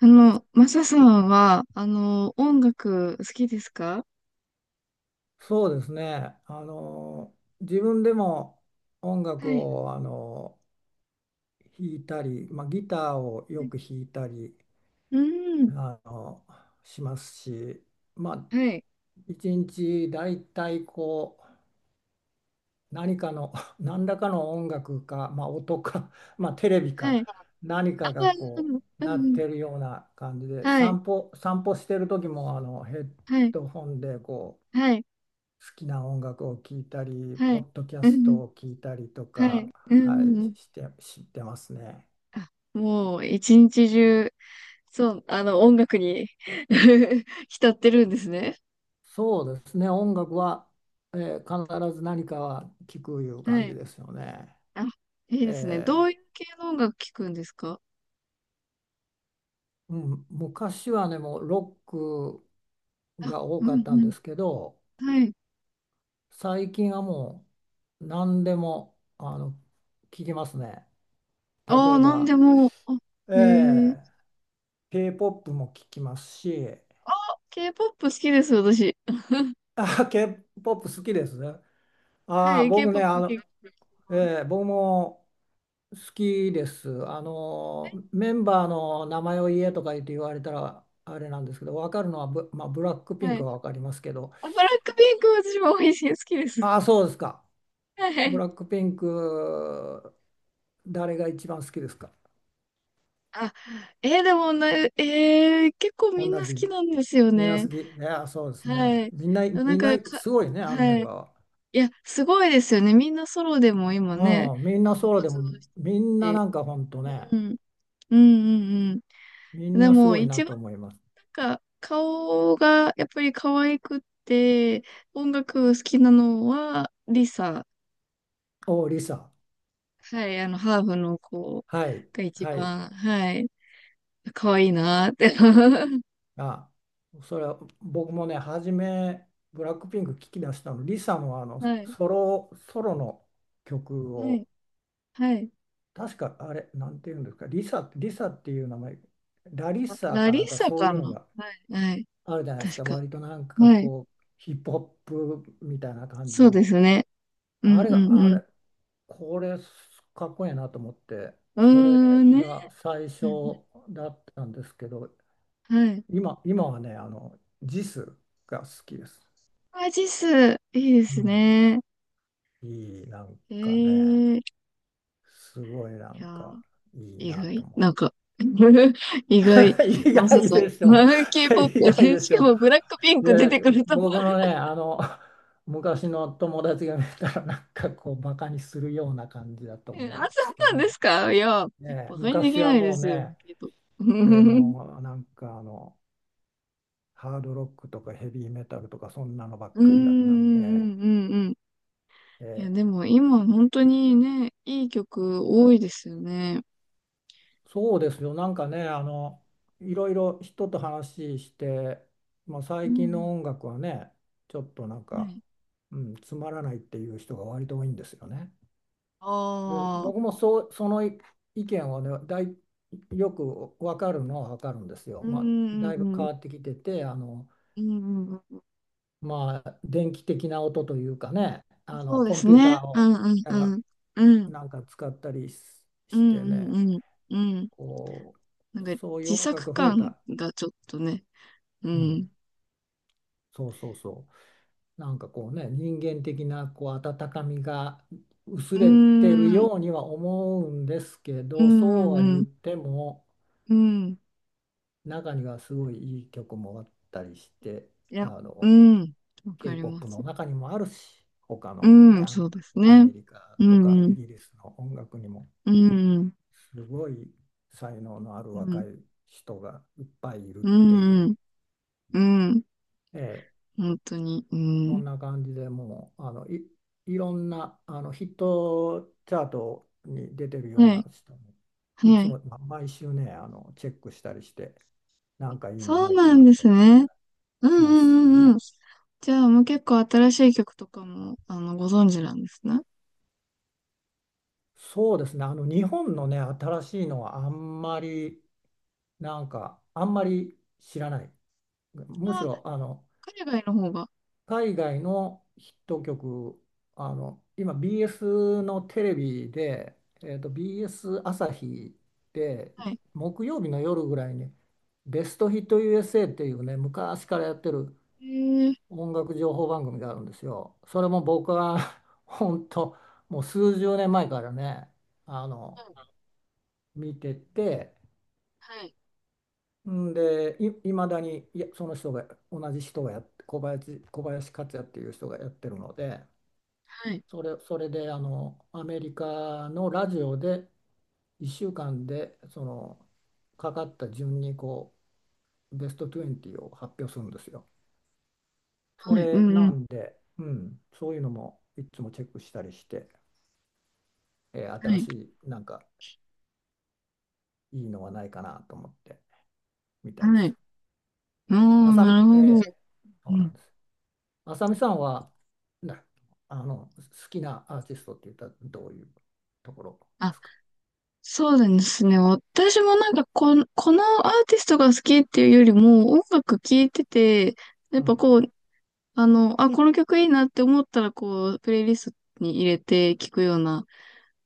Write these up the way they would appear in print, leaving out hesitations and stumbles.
マサさんは、音楽好きですか？そうですね。自分でも音楽はい。を弾いたり、ギターをよく弾いたりうん。あのしますし、まあ、はい。一日だいたいこう何かの 何らかの音楽か、音か、テレビはい。か何ああ、かがこううなっん。てるような感じではい。散歩してる時もヘッはい。ドホンでこうはい。好きな音楽を聴いたり、はポい。ッドキャうストん。を聴いたりとはか、い。うはい、ん。して、知ってますね。あ、もう、一日中、そう、音楽に 浸ってるんですね。そうですね、音楽は、えー必ず何かは聞くいうは感じい。ですよね。あ、いいですね。どえういーう系の音楽聴くんですか？うん、昔はね、もうロックあ、が多うかっん、たんうん。ですけど、はい。最近はもう何でも聞きますね。例ああ、えなんでば、も。あ、へえ。え K-POP も聴きますし、K-POP 好きです、私。あ、K-POP 好きですね。はああ、い、僕ね、あ K-POP の、結構好きです。ええ僕も好きです。あの、メンバーの名前を言えとか言って言われたらあれなんですけど、分かるのはまあ、ブラックピはンクい。は分かりますけど、あ、ブラックピンクは私も美味しい好きです。ああ、そうですか。はブい。ラックピンク、誰が一番好きですか？あ、でもな、結構みんな同好きじ。なんですよみんな好ね。き。いや、そうですね。はい。みんな、なみんんな、か、か、すごいね、あのメはンい。バーいや、すごいですよね。みんなソロでも今ね、は。うん、みんなそうで活も、動しみんなてるし。なんかほんとね、うん。うんうんみうん。んでなすも、ごいな一と番、思います。なんか、顔がやっぱり可愛くって、音楽好きなのは、リサ。おう、リサ。はい、ハーフの子はい、が一はい。番、はい、可愛いなーって。あ、それは僕もね、ブラックピンク聞き出したの、リサのあのはい、ソロの曲はい、を、はい。確かあれ、なんていうんですか、リサっていう名前、ラリッあ、サーラかリッなんかサそうかいうな。のがはい、はい、あるじゃないです確か、か。割となんかはい、こう、ヒップホップみたいな感じそうでの、すね。うあん、うれん、うが、あん。れ、これ、かっこいいなと思って、うーそれん、ね。が最う初ん。だったんですけど、はい。今はね、あの、ジスが好きです。アジス、いいでうすね。ん、いい、なんかね、いすごいなんやー、かいい意なと外思っなんか、意外、て。意マサ外さんでしが、ょ。k ポッ プ意で、外 でししかょ。もブラックピンク出で、てくるとは。僕のね、あの、昔の友達が見たら、なんかこう、バカにするような感じだとえ思うあ、んでそうすけなんですど、か？いや、ね、バカにでき昔はないでもうすよ、ね、けど。うんもうなんかあの、ハードロックとかヘビーメタルとか、そんなのばっうんうかりだったんで、んうんうん。えいや、ーでも今本当にね、いい曲多いですよね。そうですよ。なんかね、あの、いろいろ人と話して、まあ、う最近のん。音楽はね、ちょっとなんはか、い。うん、つまらないっていう人が割と多いんですよね。で、ああ、僕もそう、その意見はね、よくわかるのはわかるんですよ。うまあ、んうだいぶんう変ん。わってきてて、あの、うんうんうん。まあ、電気的な音というかね、あその、うでコンすピュータね。ーうを、んうんあうん。うん。なんか使ったりしうしんてうね、んうん。うん。こう、なんかそういう自音楽作が増え感た。がちょっとね。ううん、ん。そうそうそう。なんかこうね、人間的なこう温かみが薄うーれてるん。ようには思うんですけうど、そうんはう言っん。ても、うん。中にはすごいいい曲もあったりして、いあや、うの、ん。わかりま K-POP す。の中にもあるし、他うのね、ん、そうですアね。メリカうとん、かうイん、ギリスの音楽にも、うん、すごい才能のあるう若ん、い人がいっぱいいるっうていん、う。うん、うんええ本当に、うそん。んな感じでもういろんなあのヒットチャートに出てるようはない、人もいはつい。も、まあ、毎週ね、あのチェックしたりして、なんかいいのそなういかななんでとかすね。うん、うしますしん、うん、うん。ね。じゃあ、もう結構新しい曲とかも、ご存知なんですね。そうですね、あの、日本のね新しいのはあんまり、なんかあんまり知らない、むしあ、ろあの、海外の方が。海外のヒット曲、あの、今 BS のテレビで、えーと、BS 朝日ではい。木曜日の夜ぐらいにベストヒット USA っていうね、昔からやってるへえー、音楽情報番組があるんですよ。それも僕は 本当もう数十年前からね、あの、見てて、はい、んで、まだに、いや、その人が、同じ人がやって、小林克也っていう人がやってるので、はい、それで、あのアメリカのラジオで1週間でそのかかった順にこうベスト20を発表するんですよ。はそい、はい、うれん、うなん、んで、うん、そういうのもいつもチェックしたりして、は新い、しいなんかいいのはないかなと思って見たりすはい。る。おあー、さみ、なるえほど。えうそうなん。んです。あさみさんは、な、あの、好きなアーティストって言ったらどういうところですか？そうなんですね。私もなんかこのアーティストが好きっていうよりも、音楽聴いてて、やっうぱん。こう、この曲いいなって思ったら、こう、プレイリストに入れて聴くような、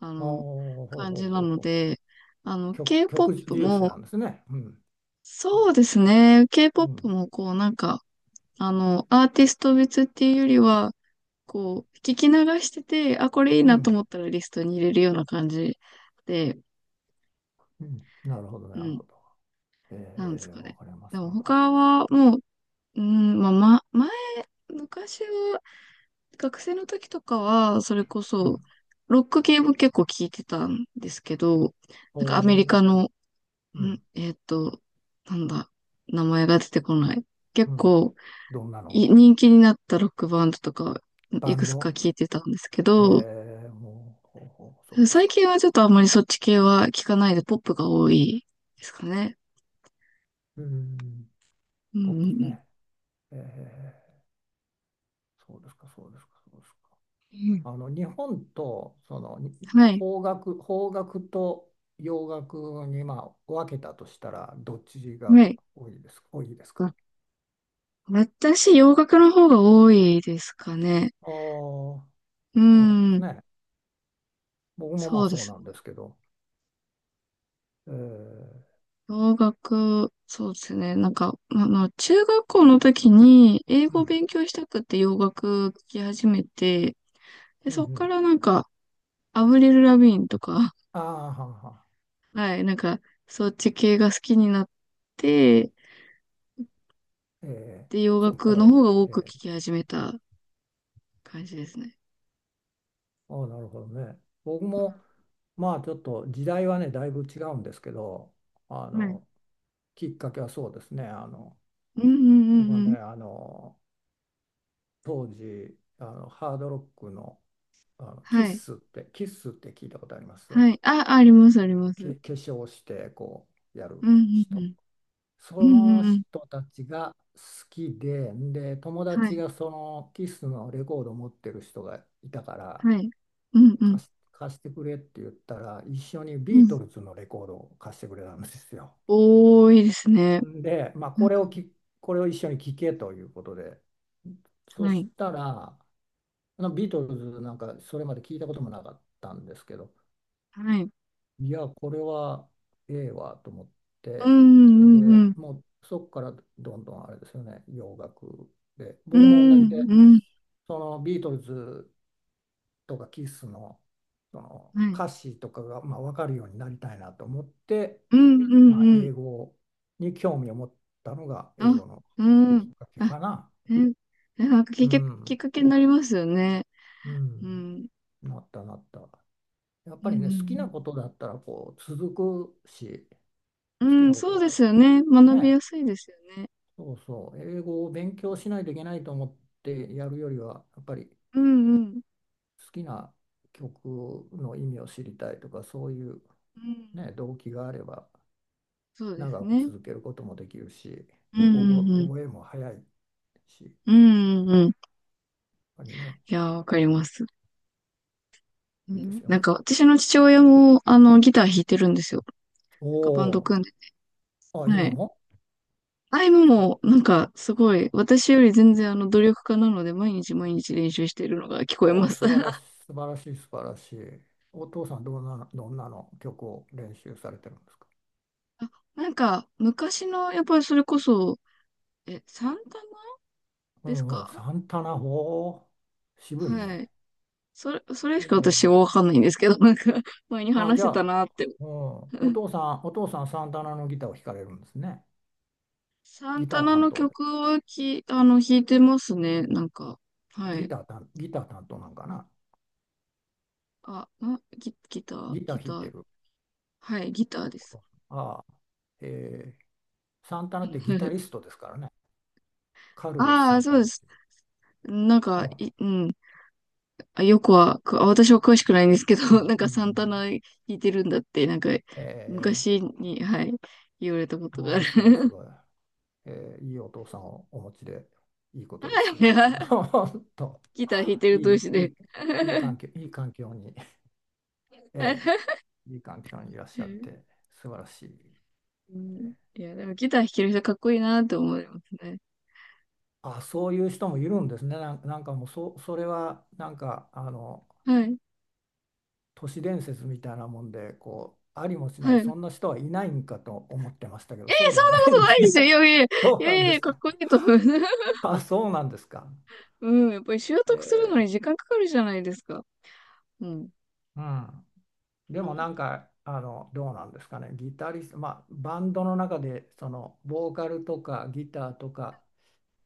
あおーの、ほうほ感じうなほうのほう。で、曲 K-POP 重視なも、んですね。うん。そうですね。う K-POP ん。もこう、なんか、アーティスト別っていうよりは、こう、聞き流してて、あ、これいいうなとん。思ったらリストに入れるような感じで、うん。なるほど、なうるん。ほど。えなんですかわね。かりまです、もわかり他ます。はもう、うん、まあ、昔は、学生の時とかは、それこうそ、ん。ロック系も結構聞いてたんですけど、おなんかアメリお、カの、うん、ん。えーっと、なんだ、名前が出てこない。結うん。構、どんなの人気になったロックバンドとか、バいくンつかド、聞いてたんですけど、えもう、ほうほう、そうです最か。近はちょっとあんまりそっち系は聞かないで、ポップが多いですかね。うん。うポんッうプスんね。ええそうですか、そうですか、そうですか。うん。うん。あの、日本と、はい。邦楽、と洋楽に、まあ、分けたとしたら、どっちがはい。多いですか？私、洋楽の方が多いですかね。ああ。そううなんですん。ね。僕もまそあうでそうすなね。んですけど、えー、洋楽、そうですね。なんか、ままあの、中学校の時に英う語をん、勉強したくて洋楽聴き始めて、で、うん、うそっかん。らなんか、アブリル・ラビーンとか、ああ、はんは はい、なんか、そっち系が好きになって、ん。えで、洋ー、そこか楽ら、のえ方が多く聴ー、き始めた感じですね。ああ、なるほどね。僕も、まあちょっと時代はね、だいぶ違うんですけど、あはい。の、きっかけはそうですね。あの、うんうんう僕はんうね、ん。あの、当時、あの、ハードロックの、あの、はい。キッスって聞いたことありますはい。あ、あります、あります。け、化粧して、こう、やるうんうんう人。ん。うんそうのんうん。人たちが好きで、で、友は達い。がそのキスのレコードを持ってる人がいたから、はい。うんうん。貸してくれって言ったら、一緒にうビーん。トルズのレコードを貸してくれたんですよ。多いいですね。で、まあ、うん。これを一緒に聴けということで、そはしい。たら、あのビートルズなんかそれまで聞いたこともなかったんですけど、はい。いや、これはええわと思っうんて、うんで、うん。もうそこからどんどんあれですよね、洋楽で。う僕も同んじで、うん。そのビートルズとかキスの、そのはい。歌詞とかがまあ分かるようになりたいなと思って、うんうまんあ、うん。英語に興味を持ったのが英あ、語のうきっん。かけあ、かな。え、なんかきうっかけ、きっん、かけになりますよね。ううん、ん。なったなった。やっうぱりね、好きなんうこんとだったらこう続くし、う好ん。きうなん、ことそうがであるすのよは。ね。学びやね、すいですよね。そうそう、英語を勉強しないといけないと思ってやるよりは、やっぱりうんうん。好きな曲の意味を知りたいとか、そういう、うん。ね、動機があれば、そうです長くね。続けることもできるし、うんうんうん。覚えも早いし、やっうんうんうん。ぱりね、いやー、わかります。ういいですん。よなんね。か私の父親もあのギター弾いてるんですよ。おなんかバンドお、組んで。あ、は今い。も、あいもも、なんか、すごい、私より全然努力家なので、毎日毎日練習しているのが聞こえおまお、す。素晴らし い、素晴らしい、素晴らしい。お父さん、どんなの曲を練習されてるんですか？あ、なんか、昔の、やっぱりそれこそ、サンタナですうん、か？サンタナ、渋いはね。い。それしかええ私はわかんないんですけど、なんか、前にあ、話しじゃてたあ、なって。うん、お父さん、サンタナのギターを弾かれるんですね。サンギタターナ担の当で。曲をき、あの、弾いてますね、なんか。はい。ギター担当なんかな。あ、あギ、ギターギターギ弾タいてーるはい、ギターでおす。父さん。ああ、ええサンタナってギタ リストですからね。カルロス・あサあ、ンそうタでナっす。ていなんう。うか、ん、うん。あ、よくは、くあ私は詳しくないんですけど、う ん、なんうん。かうサンタん、ナ弾いてるんだって、なんかええ昔に、はい、言われたことがあある。あ、すごい、すごい。えー、いいお父さんをお持ちで、いいことですよ。本当、ギター弾いている同い、士いで。い、いい環 境、いい環境に、えーいい環境にいらっしゃって素晴らしい。うえん。ー、いや、でもギター弾ける人かっこいいなって思いますね。あ、そういう人もいるんですね。なんかもうそれはなんかあの、はい。都市伝説みたいなもんでこうありもしなはい。いそんなそこんな人はいないんかと思ってましたけど、そうでもないとでないすでね。す よ。いやいや、いどうやいなんやでいや、すかっか？こいいと思う。あ、そうなんですか。うん、やっぱり習得するのにえ時間かかるじゃないですか。うん。うん、うでもなん。んかあの、どうなんですかね、ギタリスト、まあ、バンドの中でそのボーカルとかギターとか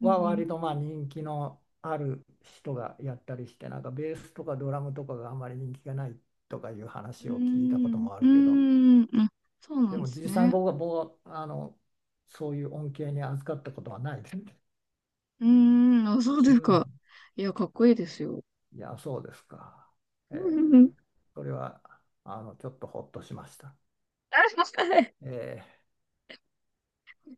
うはん割とまあ人気のある人がやったりして、なんかベースとかドラムとかがあんまり人気がないとかいう話うを聞いたことん。もあうるけど、ん。うん。あ、そうなでんでもす実際にね。僕はあの、そういう恩恵に預かったことはないです。うーん、あ、そうですうん、か。いや、かっこいいですよ。いやそうですか。えうんうんうー、ん。それはあのちょっとほっとしました。あ、はい。え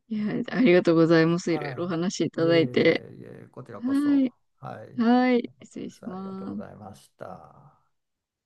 いや、ー、ありがとうございます。いろいはろお話しいい。いたえいだいて。えいえ、こちらこはそ。い。はい。はよい。かっ失た礼でしす。ありがとうまございす。ました。